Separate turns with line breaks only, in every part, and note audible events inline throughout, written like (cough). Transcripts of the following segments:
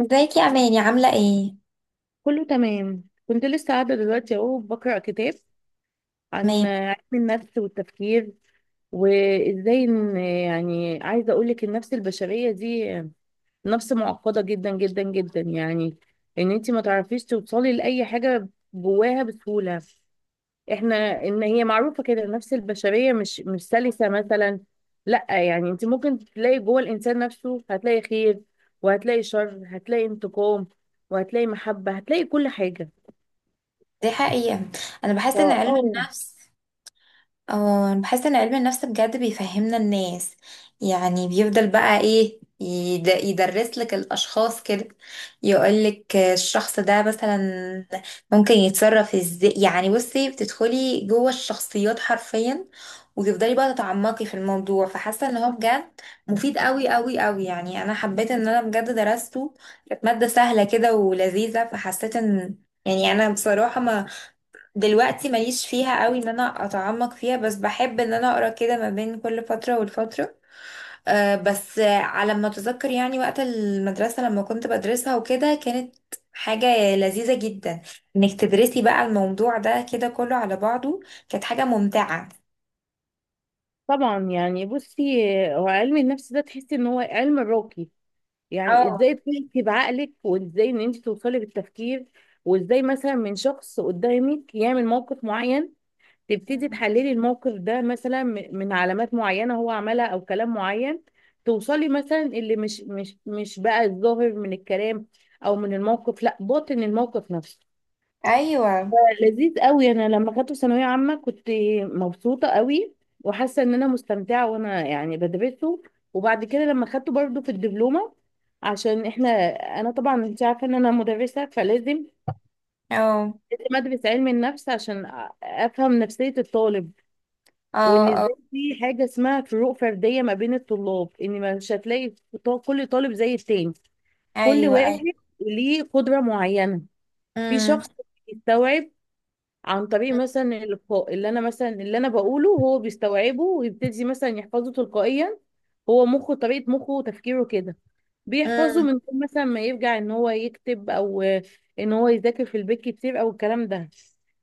ازيك يا اماني، عامله ايه؟
كله تمام، كنت لسه قاعدة دلوقتي اهو بقرأ كتاب عن
تمام.
علم النفس والتفكير. وازاي ان يعني عايزة اقولك النفس البشرية دي نفس معقدة جدا جدا جدا، يعني ان انتي ما تعرفيش توصلي لأي حاجة جواها بسهولة. احنا ان هي معروفة كده النفس البشرية مش سلسة مثلا. لا يعني انت ممكن تلاقي جوه الانسان نفسه، هتلاقي خير وهتلاقي شر، هتلاقي انتقام وهتلاقي محبة، هتلاقي كل حاجة.
دي حقيقه. انا بحس ان
اه.
علم الحمد
آه،
النفس. اه، انا بحس ان علم النفس بجد بيفهمنا الناس. يعني بيفضل بقى ايه يدرس لك الاشخاص كده، يقول لك الشخص ده مثلا ممكن يتصرف ازاي. يعني بصي، بتدخلي جوه الشخصيات حرفيا وتفضلي بقى تتعمقي في الموضوع، فحاسه ان هو بجد مفيد قوي قوي قوي. يعني انا حبيت ان انا بجد درسته، كانت ماده سهله كده ولذيذه، فحسيت ان يعني انا بصراحه ما دلوقتي ماليش فيها قوي ان انا اتعمق فيها، بس بحب ان انا اقرا كده ما بين كل فتره والفتره. أه بس على ما اتذكر يعني وقت المدرسه لما كنت بدرسها وكده، كانت حاجه لذيذه جدا انك تدرسي بقى الموضوع ده كده كله على بعضه، كانت حاجه ممتعه.
طبعا يعني بصي، هو علم النفس ده تحسي ان هو علم راقي، يعني
اه.
ازاي تحسي بعقلك وازاي ان انت توصلي بالتفكير. وازاي مثلا من شخص قدامك يعمل موقف معين تبتدي تحللي الموقف ده مثلا من علامات معينة هو عملها او كلام معين، توصلي مثلا اللي مش بقى الظاهر من الكلام او من الموقف، لا باطن الموقف نفسه.
ايوه.
لذيذ قوي، انا لما خدته ثانويه عامه كنت مبسوطه قوي، وحاسه ان انا مستمتعه وانا يعني بدرسه. وبعد كده لما خدته برضه في الدبلومه، عشان احنا، انا طبعا انت عارفه ان انا مدرسه فلازم
اه.
لازم ادرس علم النفس عشان افهم نفسيه الطالب.
اه.
وان
اه.
ازاي في حاجه اسمها فروق فرديه ما بين الطلاب، ان مش هتلاقي كل طالب زي التاني، كل
ايوه.
واحد
ايوه.
ليه قدره معينه. في
امم.
شخص بيستوعب عن طريق مثلا الإلقاء، اللي أنا مثلا اللي أنا بقوله هو بيستوعبه ويبتدي مثلا يحفظه تلقائيا، هو مخه طريقة مخه وتفكيره كده، بيحفظه
امم.
من غير مثلا ما يرجع إن هو يكتب أو إن هو يذاكر في البيت كتير أو الكلام ده.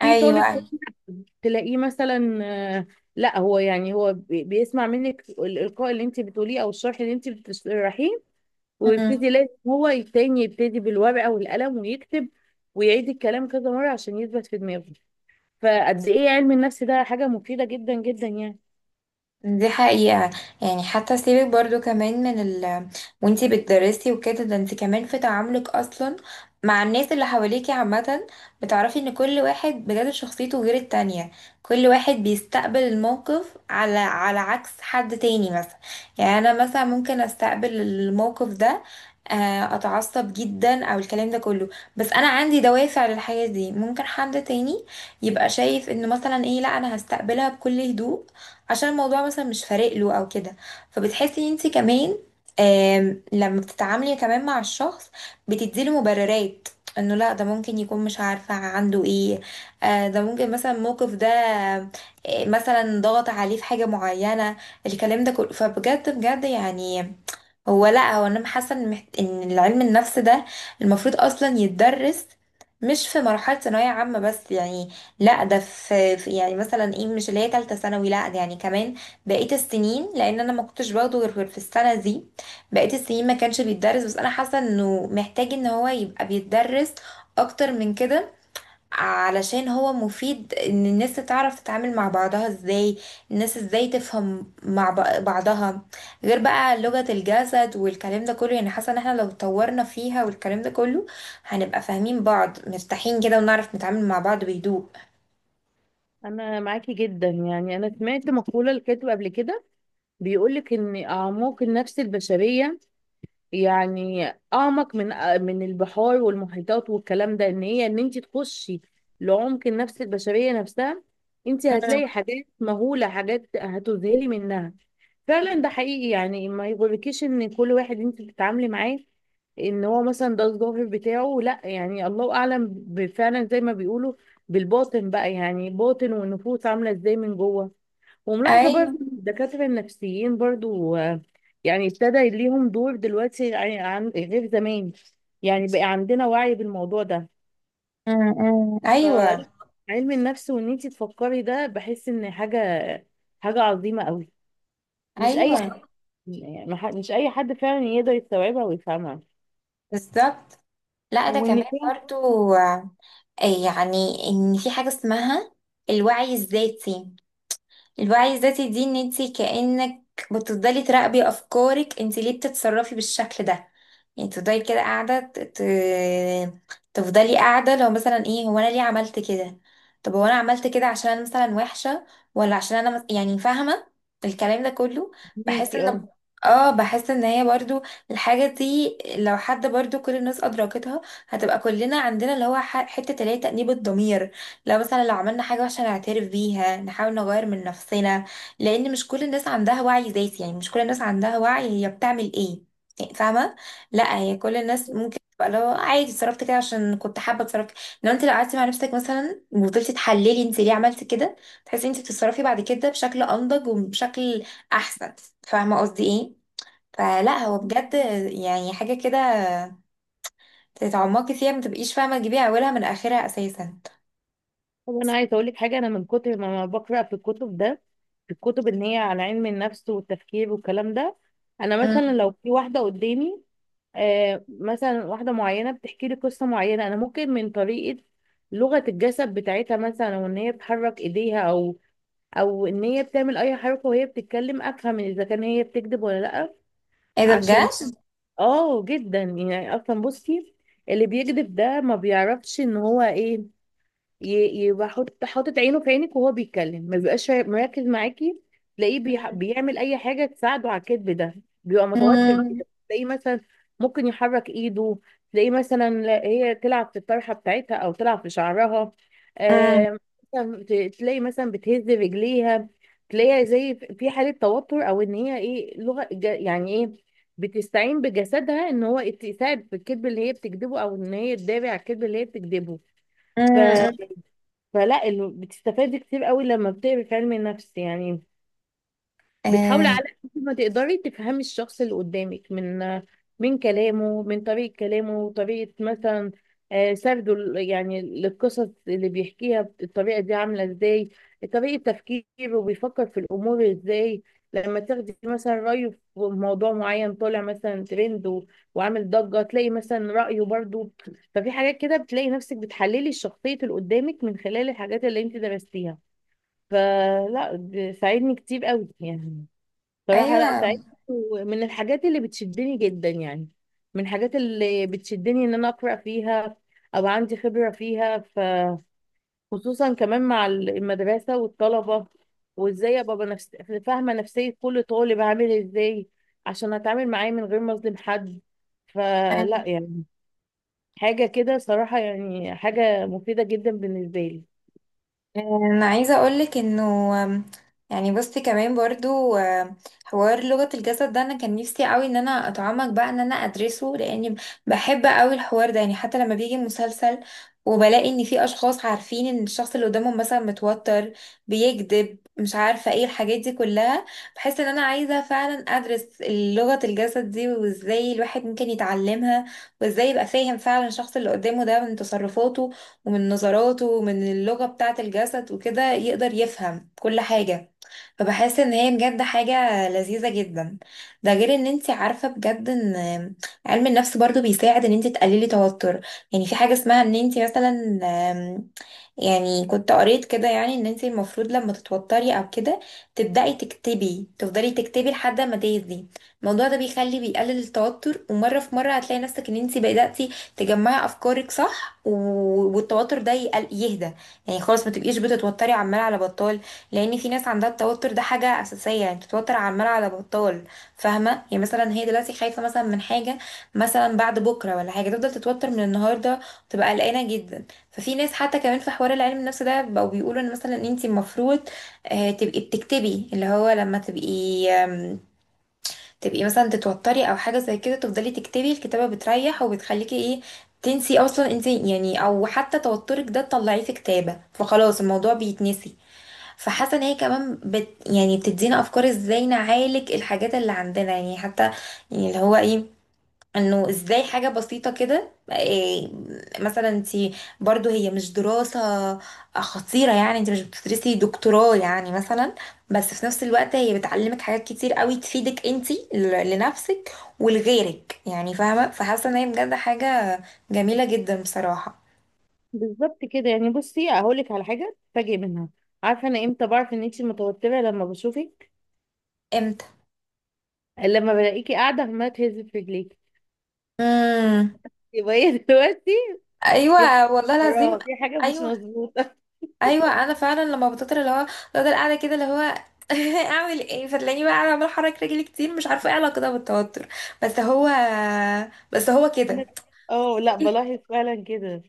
في
ايوه.
طالب
ايوه.
تلاقيه مثلا، آه، لا هو يعني هو بيسمع منك الإلقاء اللي انت بتقوليه او الشرح اللي انت بتشرحيه
امم.
ويبتدي لازم هو التاني يبتدي بالورقة والقلم ويكتب، ويعيد الكلام كذا مرة عشان يثبت في دماغه. فقد ايه علم النفس ده حاجة مفيدة جدا جدا يعني.
دي حقيقة. يعني حتى سيبك برضو كمان من ال، وانتي بتدرسي وكده، ده انتي كمان في تعاملك اصلا مع الناس اللي حواليكي عامة بتعرفي ان كل واحد بجد شخصيته غير التانية. كل واحد بيستقبل الموقف على عكس حد تاني مثلا. يعني انا مثلا ممكن استقبل الموقف ده اتعصب جدا او الكلام ده كله، بس انا عندي دوافع للحاجة دي. ممكن حد تاني يبقى شايف انه مثلا ايه، لا انا هستقبلها بكل هدوء عشان الموضوع مثلا مش فارق له او كده. فبتحسي انت كمان لما بتتعاملي كمان مع الشخص، بتديله مبررات انه لا ده ممكن يكون مش عارفة عنده ايه. ده ممكن مثلا الموقف ده مثلا ضغط عليه في حاجة معينة، الكلام ده كله. فبجد بجد يعني، هو لا هو انا حاسه ان ان العلم النفس ده المفروض اصلا يتدرس مش في مرحله ثانويه عامه بس يعني، لا ده يعني مثلا ايه، مش اللي هي تالته ثانوي، لا ده يعني كمان بقيه السنين. لان انا ما كنتش باخده غير في السنه دي، بقيه السنين ما كانش بيتدرس، بس انا حاسه انه محتاج ان هو يبقى بيتدرس اكتر من كده علشان هو مفيد ان الناس تعرف تتعامل مع بعضها ازاي. الناس ازاي تفهم مع بعضها، غير بقى لغة الجسد والكلام ده كله. يعني حاسة ان احنا لو اتطورنا فيها والكلام ده كله هنبقى فاهمين بعض، مرتاحين كده، ونعرف نتعامل مع بعض بهدوء.
انا معاكي جدا، يعني انا سمعت مقولة لكاتب قبل كده بيقولك ان اعماق النفس البشرية، يعني اعمق من من البحار والمحيطات والكلام ده، ان هي ان انت تخشي لعمق النفس البشريه نفسها، انت
مم.
هتلاقي حاجات مهوله، حاجات هتذهلي منها فعلا. ده حقيقي يعني، ما يغركيش ان كل واحد انت بتتعاملي معاه ان هو مثلا ده الظاهر بتاعه، لا يعني الله اعلم فعلا زي ما بيقولوا بالباطن بقى، يعني باطن والنفوس عامله ازاي من جوه. وملاحظه
ايوه.
برضو الدكاتره النفسيين برضو يعني ابتدى ليهم دور دلوقتي، يعني عن غير زمان، يعني بقى عندنا وعي بالموضوع ده.
مم. مم. ايوه.
فعلم النفس وان انت تفكري ده بحس ان حاجه حاجه عظيمه قوي، مش اي
ايوه.
حد، يعني مش اي حد فعلا يقدر يستوعبها ويفهمها
بالظبط. لا ده كمان
وان فعلا
برضو يعني ان في حاجة اسمها الوعي الذاتي. الوعي الذاتي دي ان انت كأنك بتفضلي تراقبي افكارك. انت ليه بتتصرفي بالشكل ده؟ يعني تفضلي كده قاعدة تفضلي قاعدة لو مثلا ايه، هو انا ليه عملت كده؟ طب هو انا عملت كده عشان انا مثلا وحشة، ولا عشان انا يعني فاهمة الكلام ده كله. بحس
فهماكي.
ان اه بحس ان هي برضو الحاجة دي لو حد برضو كل الناس ادركتها، هتبقى كلنا عندنا اللي هو حتة اللي هي تأنيب الضمير. لو مثلا لو عملنا حاجة وحشة نعترف بيها نحاول نغير من نفسنا، لأن مش كل الناس عندها وعي ذاتي. يعني مش كل الناس عندها وعي هي بتعمل ايه، يعني فاهمة، لا هي كل الناس ممكن تبقى لو عادي اتصرفت كده عشان كنت حابة اتصرف كده. انما انت لو قعدتي مع نفسك مثلا وفضلتي تحللي انت ليه عملتي كده، تحسي انت بتتصرفي بعد كده بشكل أنضج وبشكل أحسن. فاهمة قصدي ايه؟ فلا،
اه.
هو بجد يعني حاجة كده تتعمقي فيها، ما تبقيش فاهمة تجيبي أولها من آخرها أساسا.
طب انا عايزه اقول لك حاجه، انا من كتر ما بقرا في الكتب ده في الكتب ان هي على علم النفس والتفكير والكلام ده، انا مثلا
مم.
لو في واحده قدامي، آه مثلا واحده معينه بتحكي لي قصه معينه، انا ممكن من طريقه لغه الجسد بتاعتها مثلا وان هي بتحرك ايديها او او ان هي بتعمل اي حركه وهي بتتكلم، افهم اذا كان هي بتكذب ولا لا.
ايه ده
عشان،
بجد؟
اه جدا يعني، اصلا بصي اللي بيكذب ده ما بيعرفش ان هو ايه، يبقى حاطط عينه في عينك وهو بيتكلم، ما بيبقاش مركز معاكي، تلاقيه بيعمل اي حاجه تساعده على الكذب ده، بيبقى متوتر
امم.
كده، تلاقيه مثلا ممكن يحرك ايده، تلاقيه مثلا، هي تلعب في الطرحه بتاعتها او تلعب في شعرها،
امم.
آم، مثلا تلاقي مثلا بتهز رجليها، تلاقيها زي في في حاله توتر، او ان هي ايه لغه يعني ايه، بتستعين بجسدها ان هو يساعد في الكذب اللي هي بتكذبه، او ان هي تدافع على الكذب اللي هي بتكذبه. فلا بتستفادي كتير قوي لما بتقري في علم النفس يعني، بتحاولي
امم.
على قد ما تقدري تفهمي الشخص اللي قدامك من من كلامه، من طريقة كلامه، طريقة مثلا سرده يعني للقصص اللي بيحكيها الطريقة دي عاملة ازاي، طريقة تفكيره بيفكر في الأمور ازاي، لما تاخدي مثلا رأيه في موضوع معين طالع مثلا ترند وعامل ضجة تلاقي مثلا رأيه برضو. ففي حاجات كده بتلاقي نفسك بتحللي الشخصية اللي قدامك من خلال الحاجات اللي انت درستيها. فلا ساعدني كتير قوي يعني، صراحة لا سعيد.
ايوه.
ومن الحاجات اللي بتشدني جدا يعني، من الحاجات اللي بتشدني ان انا اقرا فيها او عندي خبرة فيها، فخصوصا كمان مع المدرسة والطلبة، وازاي ابقى بنفس... فاهمة نفسية كل طالب عامل ازاي عشان اتعامل معاه من غير ما اظلم حد.
أيوة.
فلا يعني حاجة كده صراحة، يعني حاجة مفيدة جدا بالنسبة لي.
انا عايزه اقولك انه آم، يعني بصي كمان برضو حوار لغه الجسد ده انا كان نفسي قوي ان انا اتعمق بقى ان انا ادرسه لاني بحب قوي الحوار ده. يعني حتى لما بيجي مسلسل وبلاقي ان في اشخاص عارفين ان الشخص اللي قدامهم مثلا متوتر، بيكذب، مش عارفه ايه الحاجات دي كلها، بحس ان انا عايزه فعلا ادرس لغه الجسد دي، وازاي الواحد ممكن يتعلمها وازاي يبقى فاهم فعلا الشخص اللي قدامه ده من تصرفاته ومن نظراته ومن اللغة بتاعة الجسد وكده يقدر يفهم كل حاجة. فبحس ان هي بجد حاجة لذيذة جدا. ده غير ان انت عارفة بجد ان علم النفس برضو بيساعد ان انت تقللي توتر. يعني في حاجة اسمها ان انت مثلا، يعني كنت قريت كده، يعني ان انت المفروض لما تتوتري او كده تبدأي تكتبي، تفضلي تكتبي لحد ما تهدي. الموضوع ده بيخلي، بيقلل التوتر، ومرة في مرة هتلاقي نفسك ان انت بدأتي تجمعي افكارك صح، والتوتر ده يهدى. يعني خلاص، ما تبقيش بتتوتري عمال على بطال. لان في ناس عندها التوتر ده حاجة اساسية، يعني بتتوتر عمال على بطال. فاهمة، يعني مثلا هي دلوقتي خايفة مثلا من حاجة مثلا بعد بكرة ولا حاجة، تفضل تتوتر من النهاردة وتبقى قلقانة جدا. ففي ناس حتى كمان في حوار العلم النفس ده بقوا بيقولوا ان مثلا انت المفروض تبقي بتكتبي. اللي هو لما تبقي تبقي مثلا تتوتري او حاجه زي كده، تفضلي تكتبي. الكتابه بتريح وبتخليكي ايه، تنسي اصلا انت يعني، او حتى توترك ده تطلعيه في كتابه فخلاص الموضوع بيتنسي. فحاسه ان هي كمان يعني بتدينا افكار ازاي نعالج الحاجات اللي عندنا يعني. حتى يعني اللي هو ايه، انه ازاي حاجة بسيطة كده مثلا انت برضو، هي مش دراسة خطيرة يعني، انت مش بتدرسي دكتوراه يعني مثلا، بس في نفس الوقت هي بتعلمك حاجات كتير قوي تفيدك انت لنفسك ولغيرك يعني، فاهمة. فحاسة ان هي بجد حاجة جميلة جدا بصراحة.
بالظبط كده، يعني بصي هقولك على حاجة تفاجئ منها، عارفة انا امتى بعرف ان انتي متوترة لما بشوفك؟
امتى؟
لما بلاقيكي قاعدة عمالة تهزي في رجليكي،
امم.
يبقى هي (laughs) دلوقتي في حاجة،
ايوه والله العظيم.
وراها في حاجة مش
ايوه
مظبوطة.
ايوه، انا فعلا لما بتطر اللي هو، بفضل قاعده كده اللي هو (laughs) اعمل ايه. فتلاقيني بقى قاعده عماله احرك رجلي كتير، مش عارفه ايه علاقتها بالتوتر، بس هو بس هو
(laughs)
كده.
أنا، اه لا بلاحظ فعلا كده.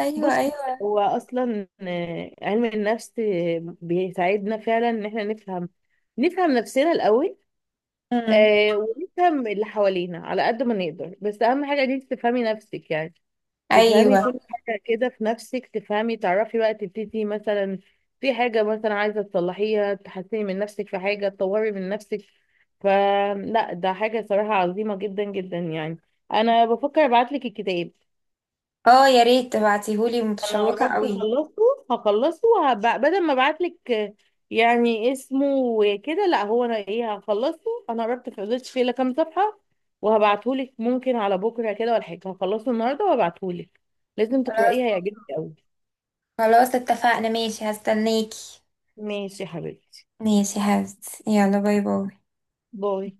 ايوه.
بص،
ايوه.
هو أصلا علم النفس بيساعدنا فعلا إن احنا نفهم، نفهم نفسنا الأول.
امم.
آه، ونفهم اللي حوالينا على قد ما نقدر، بس أهم حاجة إن أنت تفهمي نفسك يعني، تفهمي
ايوه.
كل حاجة كده في نفسك، تفهمي تعرفي بقى تبتدي مثلا في حاجة مثلا عايزة تصلحيها، تحسني من نفسك في حاجة، تطوري من نفسك. فلا ده حاجة صراحة عظيمة جدا جدا يعني. أنا بفكر أبعتلك الكتاب.
اه، يا ريت تبعتيهولي،
أنا
متشوقه
قربت
قوي.
أخلصه، هخلصه بدل ما أبعتلك يعني اسمه وكده، لا هو أنا إيه هخلصه، أنا قربت فضلتش فيه إلا كام صفحة، وهبعتهولك ممكن على بكرة كده ولا حاجة، هخلصه النهاردة وهبعتهولك. لازم
خلاص،
تقرأيه، هيعجبك أوي.
خلاص اتفقنا، ماشي هستناكي.
ماشي يا حبيبتي،
ماشي يلا، باي باي.
باي.